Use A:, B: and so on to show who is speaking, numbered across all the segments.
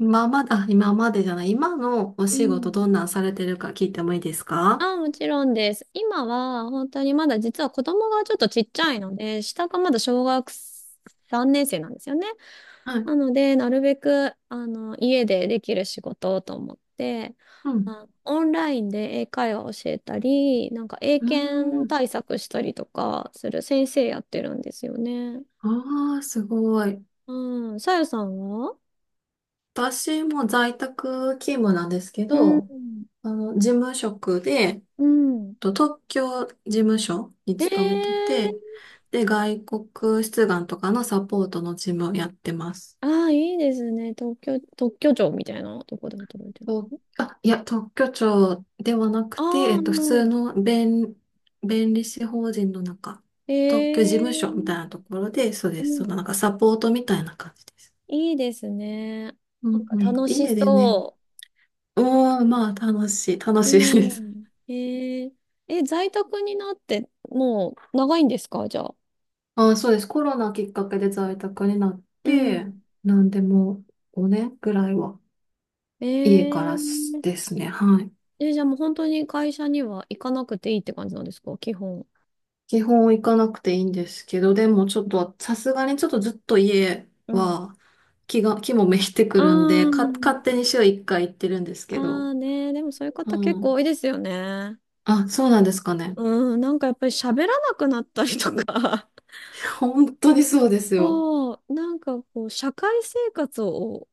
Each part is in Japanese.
A: 今まで、あ、今までじゃない、今のお
B: う
A: 仕事ど
B: ん。
A: んなんされてるか聞いてもいいですか？
B: あ、もちろんです。今は、本当にまだ実は子供がちょっとちっちゃいので、下がまだ小学3年生なんですよね。
A: はい。
B: なので、なるべく、家でできる仕事をと思って、
A: うん。
B: オンラインで英会話を教えたり、なんか英
A: うー
B: 検
A: ん。
B: 対策したりとかする先生やってるんですよね。
A: ああ、すごい。
B: うん。さゆさんは。
A: 私も在宅勤務なんですけ
B: う
A: ど、
B: ん。
A: あの、事務職で、
B: うん。
A: と特許事務所に
B: え
A: 勤めてて、
B: ー。
A: で、外国出願とかのサポートの事務をやってます。
B: ああ、いいですね。特許庁みたいなとこで働いてる。
A: と、あ、いや、特許庁ではなく
B: あ
A: て、
B: あ、う
A: 普通
B: ん。
A: の弁、弁理士法人の中、
B: え
A: 特許事務所みたいな
B: え。
A: ところで、そう
B: う
A: です。そ
B: ん。
A: のなんかサポートみたいな感じです。
B: いいですね。
A: う
B: なん
A: ん
B: か
A: うん。
B: 楽し
A: 家でね。
B: そ
A: うん、まあ、楽
B: う。う
A: しいです。
B: ん。え。ええ、在宅になって、もう長いんですかじゃあ。
A: あ、そうです。コロナきっかけで在宅になっ
B: う
A: て、
B: ん。
A: なんでも5年ねんぐらいは家から
B: え。え
A: ですね。はい。
B: え、じゃあもう本当に会社には行かなくていいって感じなんですか基本。
A: 基本行かなくていいんですけど、でもちょっと、さすがにちょっとずっと家
B: うん。
A: は気もめいてく
B: あ
A: るんで、
B: あ、
A: か、勝手に週1回行ってるんですけど。
B: あ。あね。でもそういう方結
A: う
B: 構
A: ん。
B: 多いですよね。
A: あ、そうなんですかね。
B: うん、なんかやっぱり喋らなくなったりとか、
A: 本当にそうです よ。
B: そう、なんかこう、社会生活を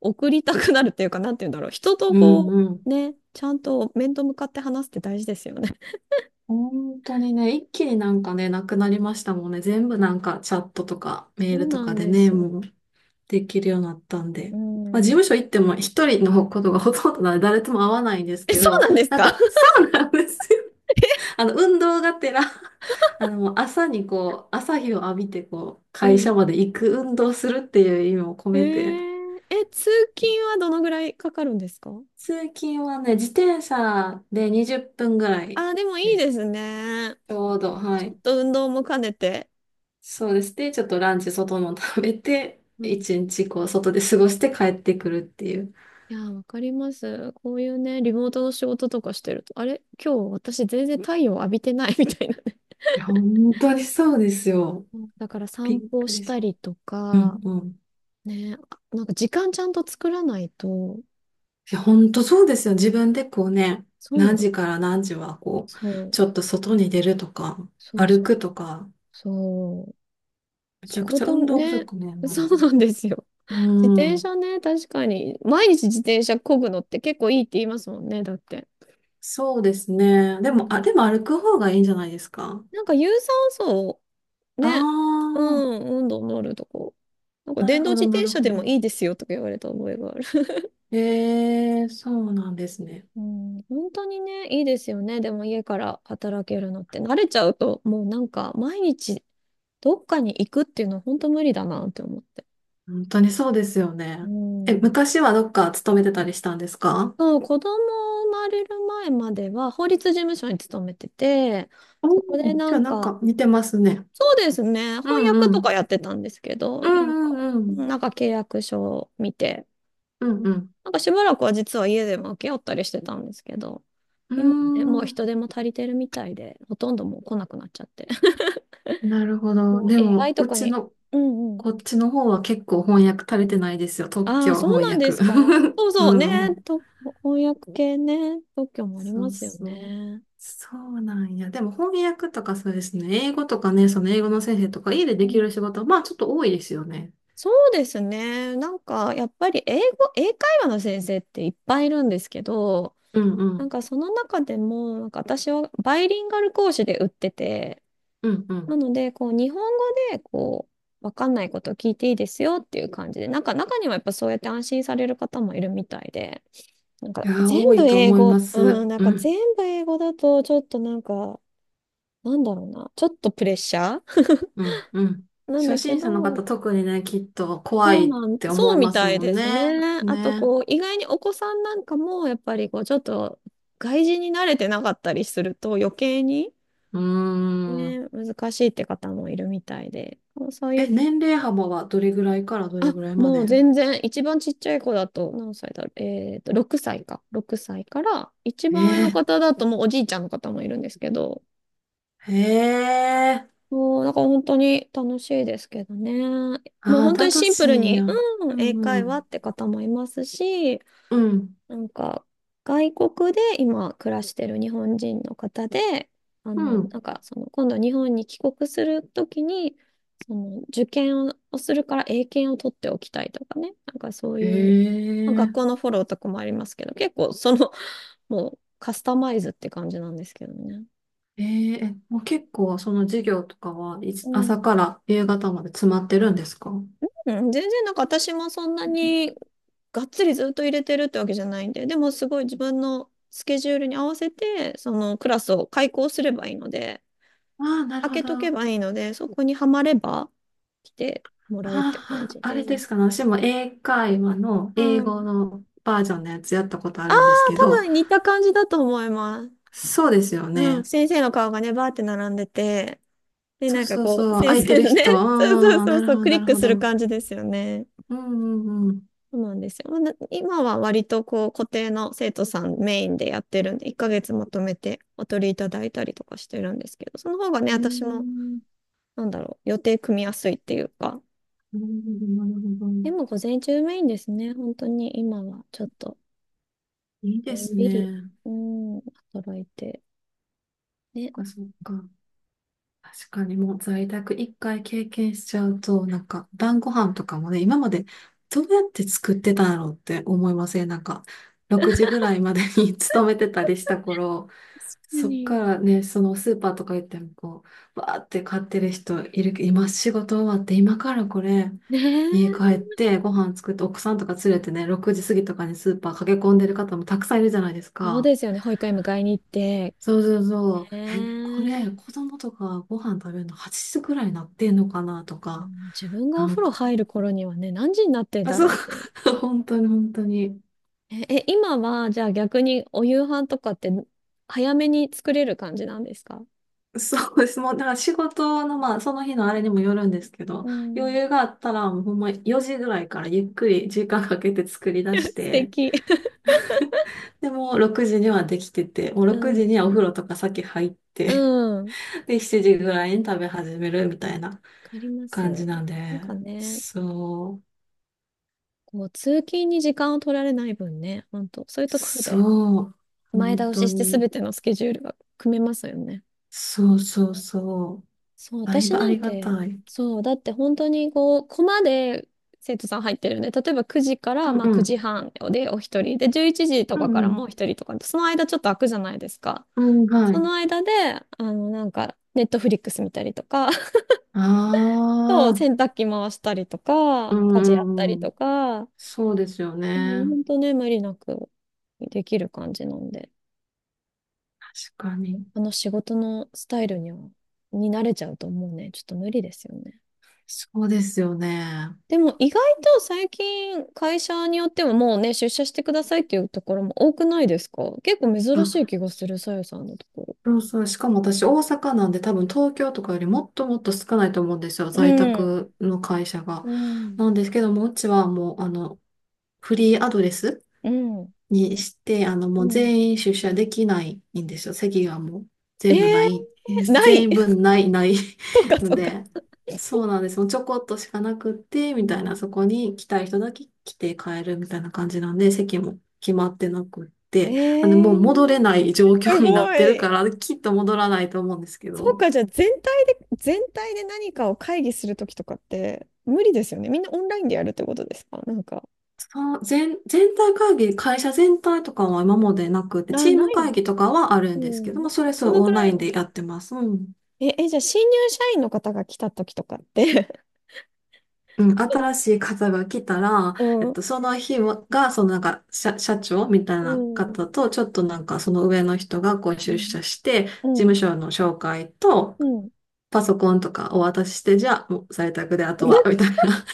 B: 送りたくなるっていうか、なんて言うんだろう、人と
A: うん
B: こ
A: うん。
B: う、ね、ちゃんと面と向かって話すって大事ですよね。
A: 本当にね、一気になんかね、なくなりましたもんね。全部なんかチャットとかメー
B: そ
A: ル
B: う
A: と
B: な
A: か
B: ん
A: で
B: で
A: ね、
B: すよ。
A: もうできるようになったん
B: う
A: で。まあ事
B: ん。
A: 務所行っても一人のことがほとんどなので誰とも会わないんです
B: え、
A: け
B: そう
A: ど、
B: なんです
A: なん
B: か。
A: か、そうなんですよ。 あの、運動がてら、 あの、もう朝にこう、朝日を浴びてこう、
B: う
A: 会社
B: ん。
A: まで行く運動するっていう意味を込
B: え
A: めて、
B: ー、通勤はどのぐらいかかるんですか。
A: 通勤はね、自転車で20分ぐらい
B: あー、でもいい
A: です。
B: ですね。
A: ちょうど、
B: ち
A: は
B: ょっ
A: い。
B: と運動も兼ねて。
A: そうです。で、ちょっとランチ外の食べて、
B: うん。
A: 一日こう、外で過ごして帰ってくるっていう。
B: いやー、わかります。こういうね、リモートの仕事とかしてると、あれ今日私全然太陽浴びてない みたいなね。
A: いや、本当にそうですよ。
B: うんだから散
A: びっ
B: 歩
A: く
B: し
A: り
B: た
A: し、
B: りと
A: う
B: か、
A: んうん。
B: ね、なんか時間ちゃんと作らないと、
A: いや、本当そうですよ。自分でこうね、
B: そうな
A: 何
B: の。
A: 時から何時はこう、
B: そう、
A: ちょっと外に出るとか、
B: そう
A: 歩
B: そう、
A: くとか、
B: そう。
A: めち
B: 仕
A: ゃくちゃ
B: 事
A: 運動不
B: ね、
A: 足ね、なる
B: そ
A: も
B: うなんですよ。自
A: ん。う
B: 転
A: ん。
B: 車ね、確かに。毎日自転車漕ぐのって結構いいって言いますもんね、だって。
A: そうですね。
B: う
A: でも、あ、で
B: ん。
A: も歩く方がいいんじゃないですか？
B: なんか有酸素を
A: あ
B: ね、う
A: あー、
B: ん、温度のあるとこ。なんか電動自
A: な
B: 転
A: る
B: 車
A: ほ
B: でも
A: ど。
B: いいですよとか言われた覚えがある。
A: ええ、そうなんですね。
B: うん、本当にね、いいですよね。でも家から働けるのって。慣れちゃうと、もうなんか毎日どっかに行くっていうのは本当無理だなって思って。
A: 本当にそうですよ
B: う
A: ね。え、
B: ん。
A: 昔はどっか勤めてたりしたんですか？
B: そう、子供生まれる前までは法律事務所に勤めてて、
A: おー、
B: そこでな
A: じゃあ
B: ん
A: なん
B: か、
A: か似てますね。
B: そうですね、
A: う
B: 翻訳
A: んう
B: とか
A: ん。
B: やってたんですけど、
A: うんうんうん。
B: なんか契約書を見て、
A: うんうん。
B: なんかしばらくは実は家でもけ合ったりしてたんですけど、
A: うー
B: 今はね、もう
A: ん、
B: 人手も足りてるみたいで、ほとんどもう来なくなっちゃって。
A: なるほど。
B: もう
A: でも、
B: AI と
A: う
B: か
A: ち
B: に、
A: の、
B: うんうん。
A: こっちの方は結構翻訳足れてないですよ。特
B: ああ、
A: 許
B: そう
A: 翻
B: なんで
A: 訳。
B: すか。そうそう
A: う
B: ね。
A: ん。
B: と、翻訳系ね。特許もあり
A: そ
B: ま
A: う
B: すよ
A: そう。
B: ね。
A: そうなんや。でも翻訳とかそうですね。英語とかね、その英語の先生とか家で
B: う
A: できる仕
B: ん。
A: 事は、まあちょっと多いですよね。
B: そうですね。やっぱり英会話の先生っていっぱいいるんですけど、
A: うんう
B: なん
A: ん。
B: かその中でも、なんか私はバイリンガル講師で売ってて、
A: うんう
B: な
A: ん。
B: ので、日本語で、わかんないことを聞いていいですよっていう感じで、なんか中にはやっぱそうやって安心される方もいるみたいで、なん
A: い
B: か
A: やー、
B: 全
A: 多
B: 部
A: いと
B: 英
A: 思い
B: 語、
A: ま
B: う
A: す。
B: ん、なん
A: う
B: か
A: ん。
B: 全部英語だとちょっとなんか、なんだろうな、ちょっとプレッシャー
A: うんうん。
B: なん
A: 初
B: だけ
A: 心者の方
B: ど、
A: 特にね、きっと怖
B: そ
A: い
B: う
A: っ
B: なん、
A: て
B: そ
A: 思い
B: うみ
A: ます
B: たい
A: もん
B: です
A: ね。
B: ね。あと、
A: ね。
B: こう、意外にお子さんなんかも、やっぱりこう、ちょっと外人に慣れてなかったりすると余計に、
A: うー
B: ね、
A: ん。
B: 難しいって方もいるみたいで、そうい
A: え、
B: う。
A: 年齢幅はどれぐらいからどれ
B: あ、
A: ぐらいま
B: もう
A: で？
B: 全然、一番ちっちゃい子だと、何歳だろう。えっと、6歳か。6歳から、一番上の
A: え
B: 方だともうおじいちゃんの方もいるんですけど、
A: ー、へえ、
B: もう、なんから本当に楽しいですけどね。もう
A: ああ、
B: 本当
A: だ
B: に
A: だ
B: シンプ
A: し
B: ル
A: んや。
B: に、
A: う
B: うん、英
A: んう
B: 会話
A: ん。
B: って方もいますし、
A: うん、
B: なんか、外国で今暮らしてる日本人の方で、
A: うん。
B: 今度日本に帰国するときに、受験をするから英検を取っておきたいとかね、なんかそう
A: へ
B: いう、まあ、学校
A: え、
B: のフォローとかもありますけど、結構その、もうカスタマイズって感じなんですけどね。
A: えー、え、もう結構その授業とかはいつ
B: うん、
A: 朝から夕方まで詰まってるんですか？あ
B: うん全然なんか私もそんなにがっつりずっと入れてるってわけじゃないんで、でもすごい自分のスケジュールに合わせて、そのクラスを開講すればいいので、
A: あ、なる
B: 開
A: ほ
B: け
A: ど。
B: とけ
A: あ
B: ばいいので、そこにはまれば来てもらうって感
A: あ、
B: じ
A: あ
B: で。
A: れですかね。私も英会話の英
B: う
A: 語
B: ん。
A: のバージョンのやつやったことあ
B: ああ、
A: るんですけ
B: 多
A: ど、
B: 分似た感じだと思います。
A: そうですよ
B: うん。
A: ね。
B: 先生の顔がね、バーって並んでて、で、
A: そう
B: なんか
A: そう
B: こう、
A: そう。
B: 先
A: 空いて
B: 生
A: る
B: のね、
A: 人。
B: そうそう
A: うん、
B: そうそう、ク
A: な
B: リッ
A: る
B: ク
A: ほ
B: する
A: ど。
B: 感じですよね。
A: うんうんうん。
B: そうなんですよ。まあ今は割とこう、固定の生徒さんメインでやってるんで、1ヶ月まとめてお取りいただいたりとかしてるんですけど、その方がね、
A: うー
B: 私も、
A: ん、
B: なんだろう、予定組みやすいっていうか、
A: なるほど。
B: でも午前中メインですね。本当に今はちょっと、
A: いいで
B: のん
A: す
B: びり、
A: ね。
B: うん、働いて。ね、確
A: そっか。確かにもう在宅一回経験しちゃうと、なんか晩ご飯とかもね、今までどうやって作ってたんだろうって思いません、なんか、6時ぐらいまでに 勤めてたりした頃、
B: か
A: そっか
B: に。
A: らね、そのスーパーとか行ってもこう、わーって買ってる人いるけど、今仕事終わって、今からこれ、
B: ね
A: 家帰っ
B: え。
A: てご飯作って奥さんとか連れてね、6時過ぎとかにスーパー駆け込んでる方もたくさんいるじゃないです
B: そう
A: か。
B: ですよね。保育園迎えに行って。
A: そうそうそう。え、こ
B: ねえ。
A: れ、子供とかご飯食べるの8時くらいになってんのかなと
B: う
A: か、
B: ん。自分がお
A: なん
B: 風呂
A: か、
B: 入る頃にはね、何時になってん
A: あ、
B: だ
A: そう、
B: ろうっていう。
A: 本当に。
B: え、え、今は、じゃあ逆にお夕飯とかって早めに作れる感じなんですか。
A: そうです。もう、だから仕事の、まあ、その日のあれにもよるんですけど、
B: う
A: 余
B: ん。
A: 裕があったら、もうほんま4時ぐらいからゆっくり時間かけて作り出し
B: 素
A: て、
B: 敵。
A: で、もう6時にはできてて、もう
B: う
A: 6時に
B: ん。
A: はお風呂とか先入って、
B: うん。わ
A: で、7時ぐらいに食べ始めるみたいな
B: かりま
A: 感
B: す。
A: じなんで、
B: なんかね、
A: そう、
B: こう、通勤に時間を取られない分ね、本当そういうところで
A: そう、
B: 前
A: 本
B: 倒
A: 当
B: しして
A: に、
B: 全てのスケジュールが組めますよね。
A: そうそうそう、
B: そう、
A: だい
B: 私
A: ぶあ
B: なん
A: りが
B: て、
A: たい。
B: そう、だって本当にこう、コマで生徒さん入ってるんで、例えば9時か
A: う
B: ら、
A: ん
B: まあ、
A: うん、
B: 9時半でお一人、で、11時と
A: う
B: かか
A: ん
B: ら
A: うん、
B: もう一人とか、その間ちょっと空くじゃないですか。
A: うん、は
B: そ
A: い。
B: の間で、ネットフリックス見たりとか、
A: あ
B: そう、
A: あ、
B: 洗濯機回したりと
A: う
B: か、
A: ん
B: 家事やった
A: うん
B: り
A: う
B: と
A: ん。
B: か、
A: そうですよ
B: も
A: ね。
B: う本当ね、無理なくできる感じなんで。
A: 確かに。
B: あの仕事のスタイルに慣れちゃうともうね、ちょっと無理ですよね。
A: そうですよね。
B: でも意外と最近会社によってはもうね、出社してくださいっていうところも多くないですか。結構珍しい気
A: あ、
B: がする、さよさんのとこ
A: そうそう。しかも私、大阪なんで多分東京とかよりもっともっと少ないと思うんですよ。
B: ろ。
A: 在
B: うん。
A: 宅の会社が。
B: うん。
A: なんですけども、うちはもう、あの、フリーアドレス
B: うん。
A: にして、あの、
B: う
A: もう
B: ん。
A: 全員出社できないんですよ。席がもう
B: え
A: 全部ない。
B: ー、な
A: 全
B: い。
A: 員分ない、ない。
B: そうか、
A: の
B: そうか。
A: で、そうなんです。もうちょこっとしかなくって、
B: う
A: み
B: ん。
A: たいな、そこに来たい人だけ来て帰るみたいな感じなんで、席も決まってなくっ
B: え
A: て、あも
B: ー、
A: う戻れない状
B: す
A: 況になっ
B: ご
A: てるか
B: い。
A: ら、きっと戻らないと思うんですけ
B: そう
A: ど、
B: か、じゃあ全体で、全体で何かを会議するときとかって無理ですよね。みんなオンラインでやるってことですかなんか。
A: 全体会議、会社全体とかは今までなくて、
B: あ、
A: チー
B: な
A: ム会
B: い。
A: 議とかはある
B: う
A: んですけども、
B: ん。
A: そ
B: ま
A: れ
B: あ、そ
A: そう
B: の
A: オ
B: ぐ
A: ンラ
B: ら
A: イ
B: い
A: ン
B: は。
A: でやってます。うん
B: え、え、じゃあ、新入社員の方が来た時とかって。
A: うん、新しい方が来たら、
B: うん、
A: その日もが、そのなんか、社、社長みたい
B: う
A: な
B: ん。
A: 方と、ちょっとなんか、その上の人がこう
B: う
A: 出
B: ん。
A: 社して、事
B: う
A: 務
B: ん、
A: 所の紹介と、
B: うん。
A: パソコンとかお渡しして、じゃあ、もう在宅であと
B: な
A: は、みたいな、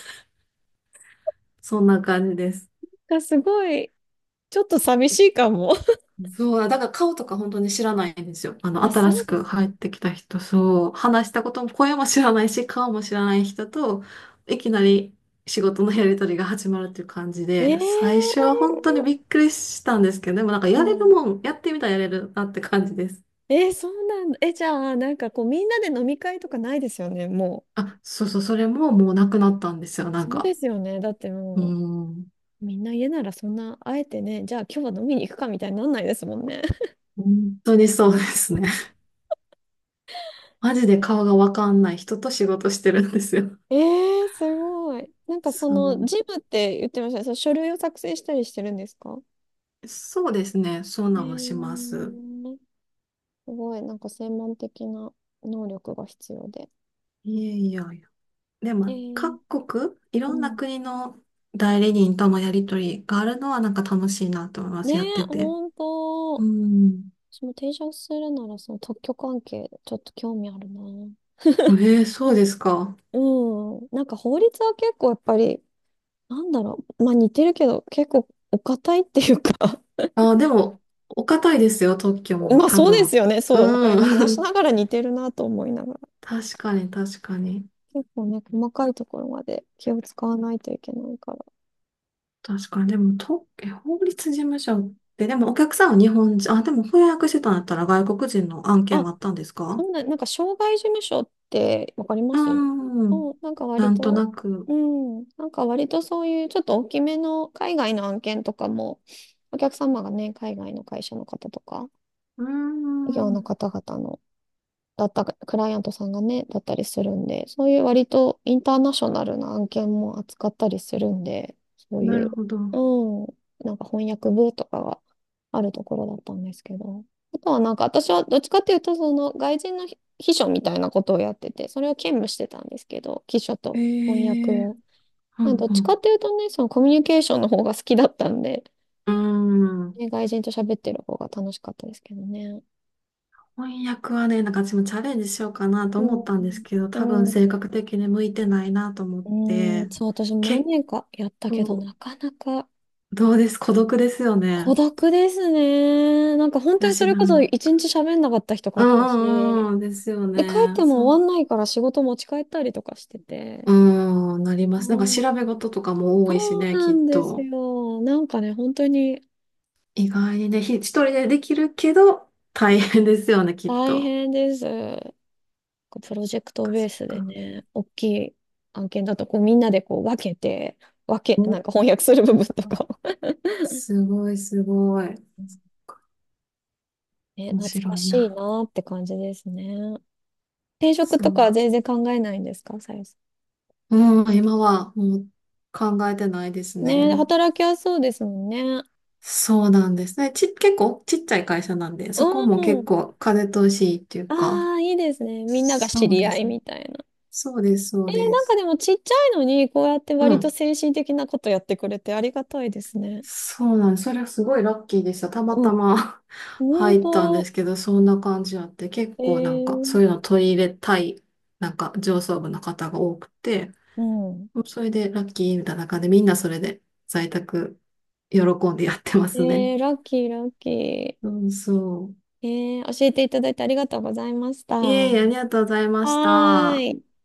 A: そんな感じです。
B: んかすごい、ちょっと寂しいかも。
A: そう、だから顔とか本当に知らないんですよ。あの、
B: いや、
A: 新
B: そ
A: し
B: うで
A: く
B: すよ。
A: 入ってきた人、そう、話したことも、声も知らないし、顔も知らない人と、いきなり仕事のやりとりが始まるっていう感じ
B: え
A: で、最初
B: ー、
A: は本当にびっくりしたんですけど、でもなんか
B: う
A: やれる
B: ん。
A: もん、やってみたらやれるなって感じです。
B: えー、そうなんだ。え、じゃあ、なんかこう、みんなで飲み会とかないですよね、もう。
A: あ、そうそう、それももうなくなったんですよ、なん
B: そう
A: か。
B: ですよね。だって
A: う
B: もう。う。
A: ん、
B: みんな家ならそんな、あえてね、じゃあ今日は飲みに行くかみたいになんないですもんね。
A: 本当にそうですね。マジで顔がわかんない人と仕事してるんですよ。
B: ええすごい。なんかそ
A: そ
B: の、
A: う。
B: ジムって言ってましたね。その書類を作成したりしてるんですか。
A: そうですね、そう
B: え
A: なんもします。
B: ー、すごい、なんか専門的な能力が必要で。
A: いやいやいや。で
B: え
A: も、
B: ー、
A: 各国、い
B: う
A: ろんな
B: ん。
A: 国の代理人とのやりとりがあるのはなんか楽しいなと思いま
B: ね
A: す、やっ
B: え、
A: てて。
B: ほん
A: う
B: と。
A: ん。
B: 私も転職するなら、その特許関係、ちょっと興味あるな。
A: えー、そうですか。
B: うん。なんか法律は結構やっぱり、なんだろう。まあ似てるけど、結構お堅いっていうか
A: あ、でも、お堅いですよ、特許も、
B: まあ
A: 多
B: そうで
A: 分。
B: すよね。そう。だから今
A: う
B: 話しな
A: ん。
B: がら似てるなと思いながら。
A: 確かに。
B: 結構ね、細かいところまで気を使わないといけないから。
A: 確かに。でも、特え法律事務所って、でもお客さんは日本人、あ、でも翻訳してたんだったら外国人の案件も
B: あ、
A: あったんですか？
B: なんか、障害事務所ってわかりま
A: う
B: す。
A: ーん。
B: うん、なんか
A: な
B: 割
A: んと
B: と、
A: なく。
B: うん、なんか割とそういうちょっと大きめの海外の案件とかも、お客様がね、海外の会社の方とか、
A: うー
B: 企業の
A: ん。
B: 方々のだったか、クライアントさんがね、だったりするんで、そういう割とインターナショナルな案件も扱ったりするんで、そうい
A: なる
B: う、
A: ほど。
B: うん、なんか翻訳部とかがあるところだったんですけど、あとはなんか私はどっちかっていうと、その外人の秘書みたいなことをやってて、それを兼務してたんですけど、秘書
A: え
B: と翻訳
A: え、
B: を。
A: う
B: まあ、どっちか
A: ん
B: っていうとね、そのコミュニケーションの方が好きだったんで、
A: うん。うーん。
B: ね、外人と喋ってる方が楽しかったですけどね。
A: 翻訳はね、なんか私もチャレンジしようかなと
B: う
A: 思ったんです
B: ん。
A: けど、多分
B: う
A: 性
B: ん。
A: 格的に向いてないなと思っ
B: うーん、
A: て、
B: そう、私も何
A: 結
B: 年かやったけど、
A: 構、
B: なかなか
A: どうです、孤独ですよね。
B: 孤独ですね。なんか本当
A: だ
B: にそ
A: し
B: れ
A: な
B: こそ
A: ん、
B: 一日喋んなかった日とかあったし、
A: うん、ですよ
B: で、帰っ
A: ね。
B: て
A: そ
B: も終
A: う。
B: わんないから仕事持ち帰ったりとかしてて。
A: うん、なります。なん
B: う
A: か
B: ん。
A: 調べ事とかも多いし
B: そう
A: ね、
B: な
A: きっ
B: んです
A: と。
B: よ。なんかね、本当に。
A: 意外にね、ひ一人でできるけど、
B: う
A: 大
B: ん。
A: 変ですよね、きっ
B: 大
A: と。
B: 変です。こうプロジェクトベー
A: そっ
B: スで
A: か。
B: ね、大きい案件だとこうみんなでこう分けて、なんか翻訳する部分と
A: お、
B: かを。
A: すごい。
B: うん。ね、
A: 面
B: 懐か
A: 白い
B: しい
A: な。
B: なって感じですね。転職
A: そ
B: とか
A: う
B: は
A: で
B: 全
A: す。
B: 然考えないんですか、さゆさ
A: うん、今はもう考えてないです
B: ん。
A: ね。
B: ねえ、働きやすそうですもんね。
A: そうなんですね。ち、結構ちっちゃい会社なんで、
B: う
A: そこも結
B: ん。
A: 構風通しいいっていうか、
B: ああ、いいですね。みんなが知
A: そう
B: り
A: で
B: 合い
A: すね。
B: みたいな。
A: そ
B: え
A: う
B: ー、
A: で
B: なんか
A: す。
B: でもちっちゃいのに、こうやって
A: う
B: 割と
A: ん。
B: 精神的なことやってくれてありがたいですね。
A: そうなんです。それはすごいラッキーでした。たま
B: う
A: た
B: ん。
A: ま
B: 本
A: 入ったんで
B: 当、
A: すけど、そんな感じあって、結
B: え
A: 構なんかそういう
B: ー、
A: の取り入れたい、なんか上層部の方が多くて、
B: うん。
A: それでラッキーみたいな感じで、みんなそれで在宅喜んでやってますね。
B: えー、ラッキ
A: そうそう。
B: ー。えー、教えていただいてありがとうございました。
A: いえ
B: は
A: いえ、ありがとうございまし
B: ー
A: た。
B: い。